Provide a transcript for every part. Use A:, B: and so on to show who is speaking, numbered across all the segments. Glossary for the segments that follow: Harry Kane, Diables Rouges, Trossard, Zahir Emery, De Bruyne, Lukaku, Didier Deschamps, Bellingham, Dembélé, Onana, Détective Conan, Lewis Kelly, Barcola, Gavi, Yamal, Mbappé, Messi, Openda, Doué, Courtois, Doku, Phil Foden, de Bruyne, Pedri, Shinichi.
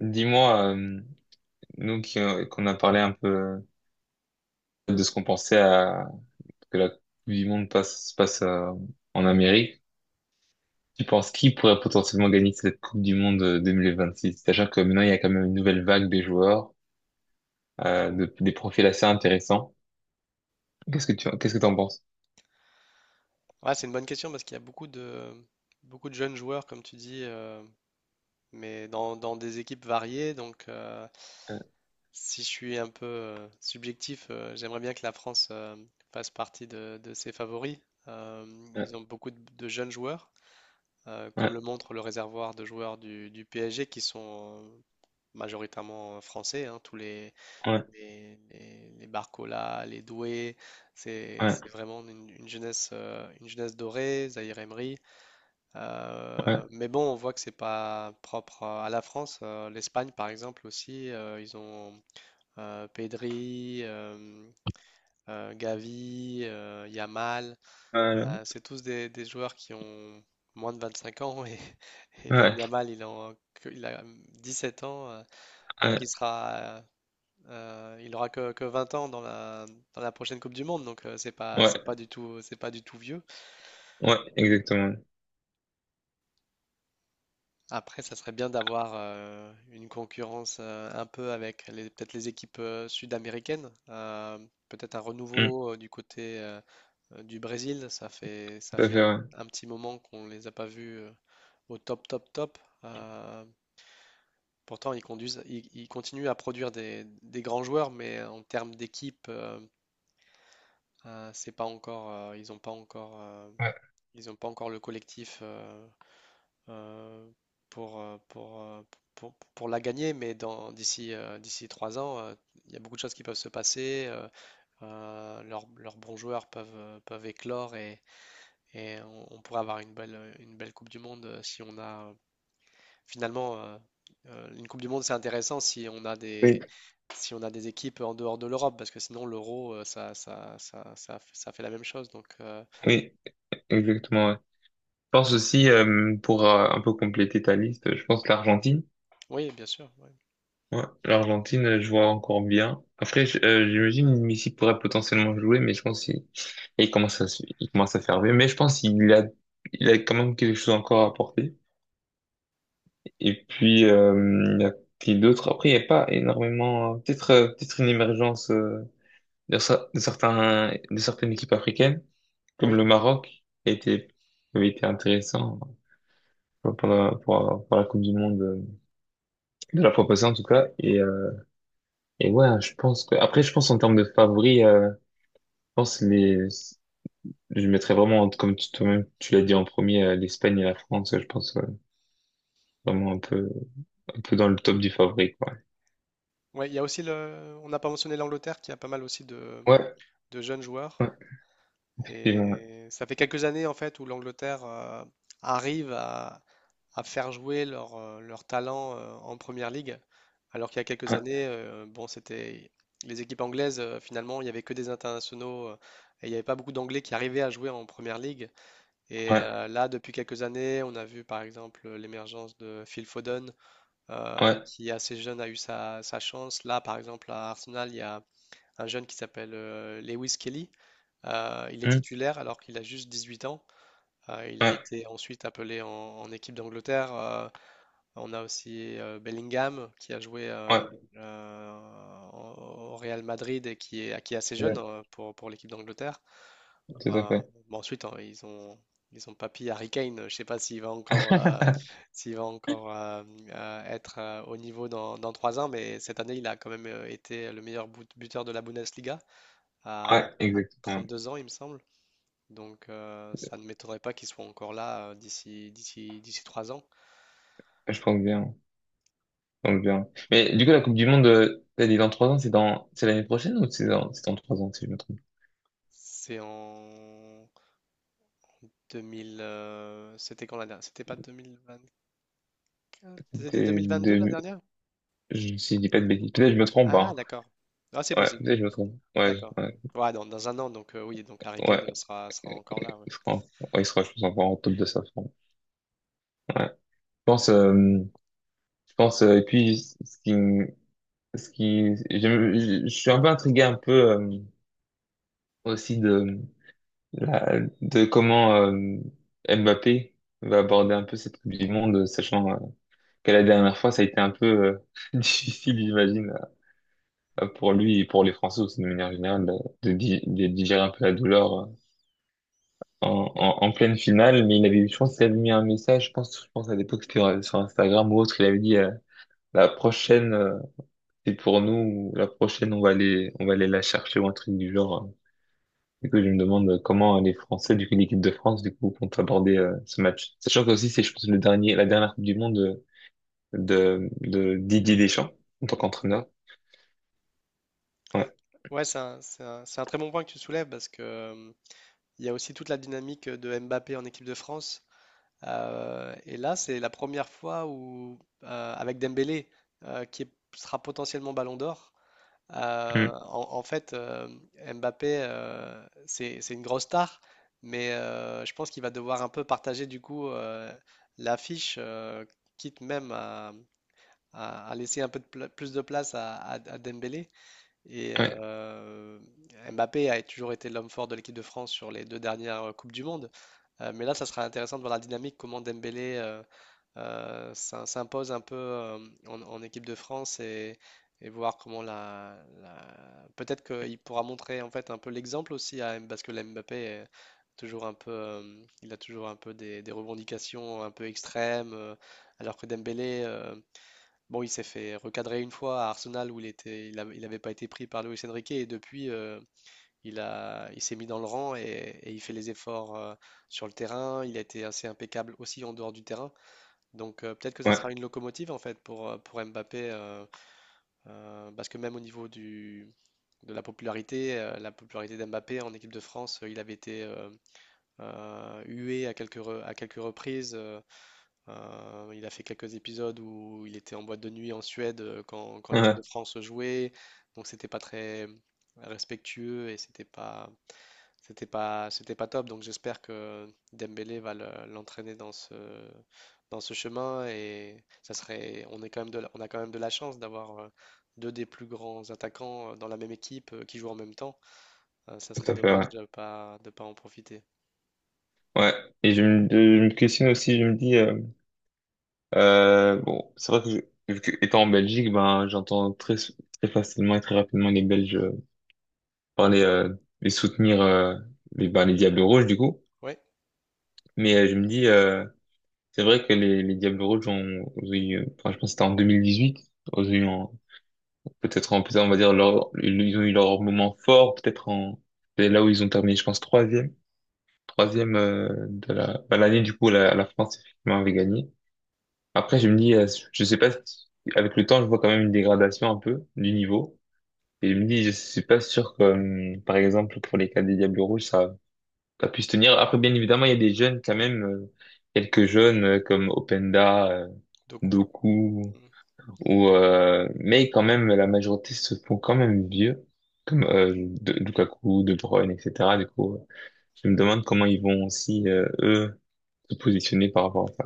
A: Dis-moi, nous qui, qu'on a parlé un peu de ce qu'on pensait à que la Coupe du Monde passe, se passe en Amérique, tu penses qui pourrait potentiellement gagner cette Coupe du Monde 2026? C'est-à-dire que maintenant il y a quand même une nouvelle vague des joueurs, des profils assez intéressants. Qu'est-ce que qu'est-ce que t'en penses?
B: Ouais, c'est une bonne question parce qu'il y a beaucoup de jeunes joueurs, comme tu dis, mais dans des équipes variées. Donc,
A: Euh,
B: si je suis un peu subjectif, j'aimerais bien que la France fasse partie de ses favoris. Euh,
A: euh,
B: Ils ont beaucoup de jeunes joueurs, comme le
A: Ouais,
B: montre le réservoir de joueurs du PSG qui sont majoritairement français. Hein, tous les,
A: ouais,
B: les, les, les Barcola, les Doué, c'est
A: ouais,
B: c'est vraiment une jeunesse, une jeunesse dorée, Zahir Emery.
A: ouais,
B: Mais bon, on voit que c'est pas propre à la France. L'Espagne, par exemple, aussi, ils ont Pedri, Gavi, Yamal.
A: euh,
B: C'est tous des joueurs qui ont moins de 25 ans et, et même
A: ouais,
B: Yamal, il a 17 ans. Donc il
A: ouais,
B: sera, il aura que 20 ans dans la prochaine Coupe du Monde. Donc,
A: ouais,
B: c'est pas du tout vieux.
A: ouais, exactement.
B: Après, ça serait bien d'avoir une concurrence un peu avec peut-être les équipes sud-américaines. Peut-être un
A: Mm,
B: renouveau du côté du Brésil. Ça fait, ça
A: tout à
B: fait
A: fait,
B: un,
A: ouais.
B: un petit moment qu'on les a pas vus au top, top, top. Euh, Pourtant, ils continuent à produire des grands joueurs, mais en termes d'équipe, c'est pas encore, ils n'ont pas encore,
A: Ouais.
B: ils ont pas encore le collectif. Euh, euh, pour, euh, pour, euh, pour la gagner, mais d'ici 3 ans, il y a beaucoup de choses qui peuvent se passer. Leurs bons joueurs peuvent éclore et on pourrait avoir une belle Coupe du Monde si on a finalement, une Coupe du Monde, c'est intéressant
A: Oui,
B: si on a des équipes en dehors de l'Europe, parce que sinon l'euro, ça fait la même chose. Donc,
A: oui, exactement, ouais. Pense aussi, pour un peu compléter ta liste, je pense que l'Argentine.
B: oui, bien sûr. Oui.
A: Ouais, l'Argentine, je vois encore bien. Après, j'imagine que Messi pourrait potentiellement jouer, mais je pense qu'il il commence à, il commence à faire vieux. Mais je pense qu'il a, il a quand même quelque chose encore à apporter. Et puis, il y a qui d'autres. Après, il n'y a pas énormément, peut-être, peut-être une émergence, de, de certains, de certaines équipes africaines, comme
B: Oui.
A: le Maroc, qui a été, qui avait été intéressant pour la Coupe du Monde de la fois passée en tout cas. Et ouais, je pense que après, je pense en termes de favoris, je pense les, je mettrais vraiment comme tu- toi-même tu l'as dit en premier, l'Espagne et la France. Je pense ouais, vraiment un peu dans le top du favori quoi.
B: Ouais, il y a aussi on n'a pas mentionné l'Angleterre qui a pas mal aussi de,
A: Ouais,
B: de jeunes joueurs.
A: ouais, effectivement.
B: Et ça fait quelques années en fait où l'Angleterre arrive à faire jouer leur talent en première ligue. Alors qu'il y a quelques
A: Ouais,
B: années, bon, c'était les équipes anglaises, finalement, il n'y avait que des internationaux et il n'y avait pas beaucoup d'anglais qui arrivaient à jouer en première ligue. Et
A: ouais,
B: là, depuis quelques années, on a vu par exemple l'émergence de Phil Foden,
A: ouais,
B: qui assez jeune a eu sa chance. Là, par exemple, à Arsenal, il y a un jeune qui s'appelle Lewis Kelly. Il est
A: hmm,
B: titulaire alors qu'il a juste 18 ans. Il a
A: ouais,
B: été ensuite appelé en équipe d'Angleterre. On a aussi Bellingham qui a joué
A: ouais,
B: euh, au Real Madrid et qui est assez jeune
A: ouais,
B: pour l'équipe d'Angleterre.
A: tout à
B: Euh,
A: fait.
B: bon, ensuite, hein, ils ont papy Harry Kane. Je ne sais pas s'il va encore être au niveau dans 3 ans, mais cette année, il a quand même été le meilleur buteur de la Bundesliga à,
A: Ouais,
B: à
A: exactement.
B: 32 ans, il me semble. Donc, ça ne m'étonnerait pas qu'il soit encore là d'ici 3 ans.
A: Ouais, je pense bien, je pense bien. Mais du coup, la Coupe du Monde, t'as dit dans trois ans, c'est dans, c'est l'année prochaine ou c'est dans trois ans si je me trompe?
B: C'est en 2000. C'était quand la dernière? C'était pas 2024? C'était deux
A: C'était
B: mille vingt deux la
A: deux-
B: dernière?
A: Si je dis pas de bêtises, peut-être que je me trompe,
B: Ah,
A: hein.
B: d'accord. Ah, c'est
A: Ouais,
B: possible.
A: peut-être que je me trompe. Ouais,
B: D'accord.
A: ouais,
B: Ouais, dans un an, donc oui, donc Harry Kane
A: ouais.
B: sera encore là. Ouais.
A: Il sera, ouais, il sera, je pense, encore en top de sa forme. Ouais. Je pense, euh, je pense, et puis, ce qui, me- ce qui, je suis un peu intrigué un peu, aussi de, la, de comment, Mbappé va aborder un peu cette Coupe du Monde, sachant, que la dernière fois, ça a été un peu, difficile, j'imagine, pour lui et pour les Français aussi, de manière générale, de, de digérer un peu la douleur, en, en, en pleine finale, mais il avait, je pense qu'il avait mis un message, je pense à l'époque c'était sur Instagram ou autre, il avait dit la prochaine c'est pour nous, ou la prochaine on va aller la chercher ou un truc du genre. Du coup, je me demande comment les Français, du coup l'équipe de France, du coup compte aborder ce match. Sachant que aussi c'est, je pense, le dernier, la dernière Coupe du Monde de Didier Deschamps en tant qu'entraîneur.
B: Ouais, c'est un très bon point que tu soulèves parce que il y a aussi toute la dynamique de Mbappé en équipe de France. Et là, c'est la première fois où, avec Dembélé, sera potentiellement Ballon d'Or,
A: Mm.
B: en fait, Mbappé, c'est une grosse star, mais je pense qu'il va devoir un peu partager du coup l'affiche, quitte même à laisser un peu plus de place à Dembélé. Et
A: Ouais,
B: Mbappé a toujours été l'homme fort de l'équipe de France sur les deux dernières Coupes du Monde. Mais là, ça sera intéressant de voir la dynamique, comment Dembélé ça s'impose un peu en équipe de France et voir comment peut-être qu'il pourra montrer en fait un peu l'exemple aussi parce que la Mbappé est toujours un peu il a toujours un peu des revendications un peu extrêmes alors que Dembélé, bon, il s'est fait recadrer une fois à Arsenal où il avait pas été pris par Luis Enrique et depuis, il s'est mis dans le rang et il fait les efforts sur le terrain. Il a été assez impeccable aussi en dehors du terrain, donc peut-être que ça sera
A: ouais,
B: une locomotive en fait pour Mbappé, parce que même au niveau de la popularité d'Mbappé en équipe de France, il avait été hué à quelques reprises. Il a fait quelques épisodes où il était en boîte de nuit en Suède quand l'équipe
A: ouais,
B: de France jouait, donc c'était pas très respectueux et c'était pas top, donc j'espère que Dembélé l'entraîner dans ce chemin, et ça serait, on est quand même de la- on a quand même de la chance d'avoir deux des plus grands attaquants dans la même équipe qui jouent en même temps. Ça serait
A: tout à fait,
B: dommage
A: ouais.
B: de pas en profiter.
A: Ouais. Et je me questionne aussi, je me dis. Bon, c'est vrai que, vu que étant en Belgique, ben j'entends très très facilement et très rapidement les Belges parler, et soutenir les ben, les Diables Rouges du coup.
B: Ouais,
A: Mais je me dis, c'est vrai que les Diables Rouges ont, ont eu, enfin, je pense que c'était en 2018, ont eu en- peut-être en plus on va dire leur ils ont eu leur moment fort, peut-être en c'est là où ils ont terminé, je pense troisième, troisième de la ben, l'année du coup la, la France effectivement avait gagné. Après, je me dis, je sais pas, avec le temps, je vois quand même une dégradation un peu du niveau. Et je me dis, je suis pas sûr que, par exemple, pour les cas des Diables Rouges, ça puisse tenir. Après, bien évidemment, il y a des jeunes quand même, quelques jeunes comme Openda,
B: Doku.
A: Doku, ou, mais quand même, la majorité se font quand même vieux, comme Lukaku, De Bruyne, etc. Du coup, je me demande comment ils vont aussi, eux, se positionner par rapport à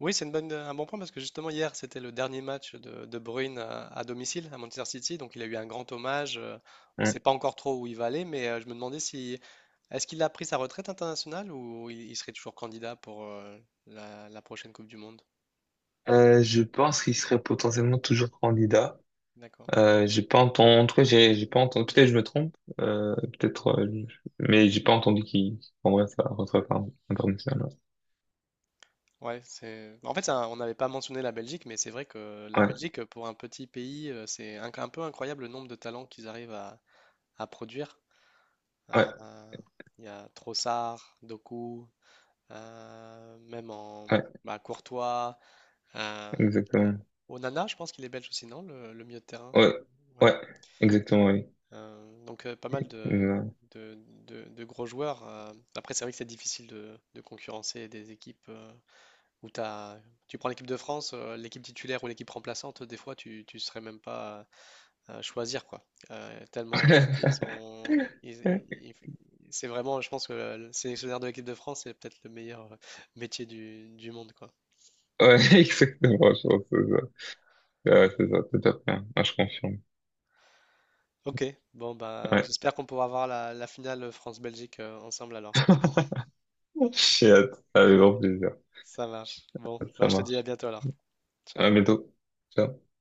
B: Oui, c'est un bon point parce que justement hier, c'était le dernier match de Bruyne à domicile à Manchester City, donc il a eu un grand hommage. On
A: ça.
B: ne
A: Mm.
B: sait pas encore trop où il va aller, mais je me demandais si est-ce qu'il a pris sa retraite internationale ou il serait toujours candidat pour la prochaine Coupe du Monde.
A: Je pense qu'il serait potentiellement toujours candidat.
B: D'accord.
A: J'ai pas entendu, en tout cas, j'ai pas entendu, peut-être je me trompe, peut-être, mais j'ai pas entendu qu'il prendrait sa retraite hein, internationale.
B: Ouais. c'est. En fait, on n'avait pas mentionné la Belgique, mais c'est vrai que la
A: Ouais,
B: Belgique, pour un petit pays, c'est un peu incroyable le nombre de talents qu'ils arrivent à produire. Euh,
A: ouais,
B: Il y a Trossard, Doku. Même en,
A: ouais,
B: bah, Courtois. euh, euh,
A: exactement.
B: Onana, je pense qu'il est belge aussi, non? Le milieu de terrain.
A: Ouais,
B: Ouais.
A: ouais, exactement, oui.
B: Donc, pas mal
A: Non.
B: de, de gros joueurs. Après, c'est vrai que c'est difficile de concurrencer des équipes où tu prends l'équipe de France, l'équipe titulaire ou l'équipe remplaçante, des fois tu ne serais même pas à choisir quoi. Tellement i- ils, ont, ils-
A: Ouais,
B: ils- C'est vraiment, je pense que le sélectionneur de l'équipe de France, c'est peut-être le meilleur métier du monde quoi.
A: exactement, je pense que c'est ça. Ouais, c'est ça, tout à fait. Hein. Ouais, je confirme.
B: Ok, bon bah
A: Ouais.
B: j'espère qu'on pourra voir la finale France-Belgique ensemble alors.
A: J'ai hâte. Avec grand plaisir.
B: Ça marche. Bon, bah
A: Ça
B: je te dis à
A: marche.
B: bientôt alors.
A: À
B: Ciao.
A: bientôt. Ciao.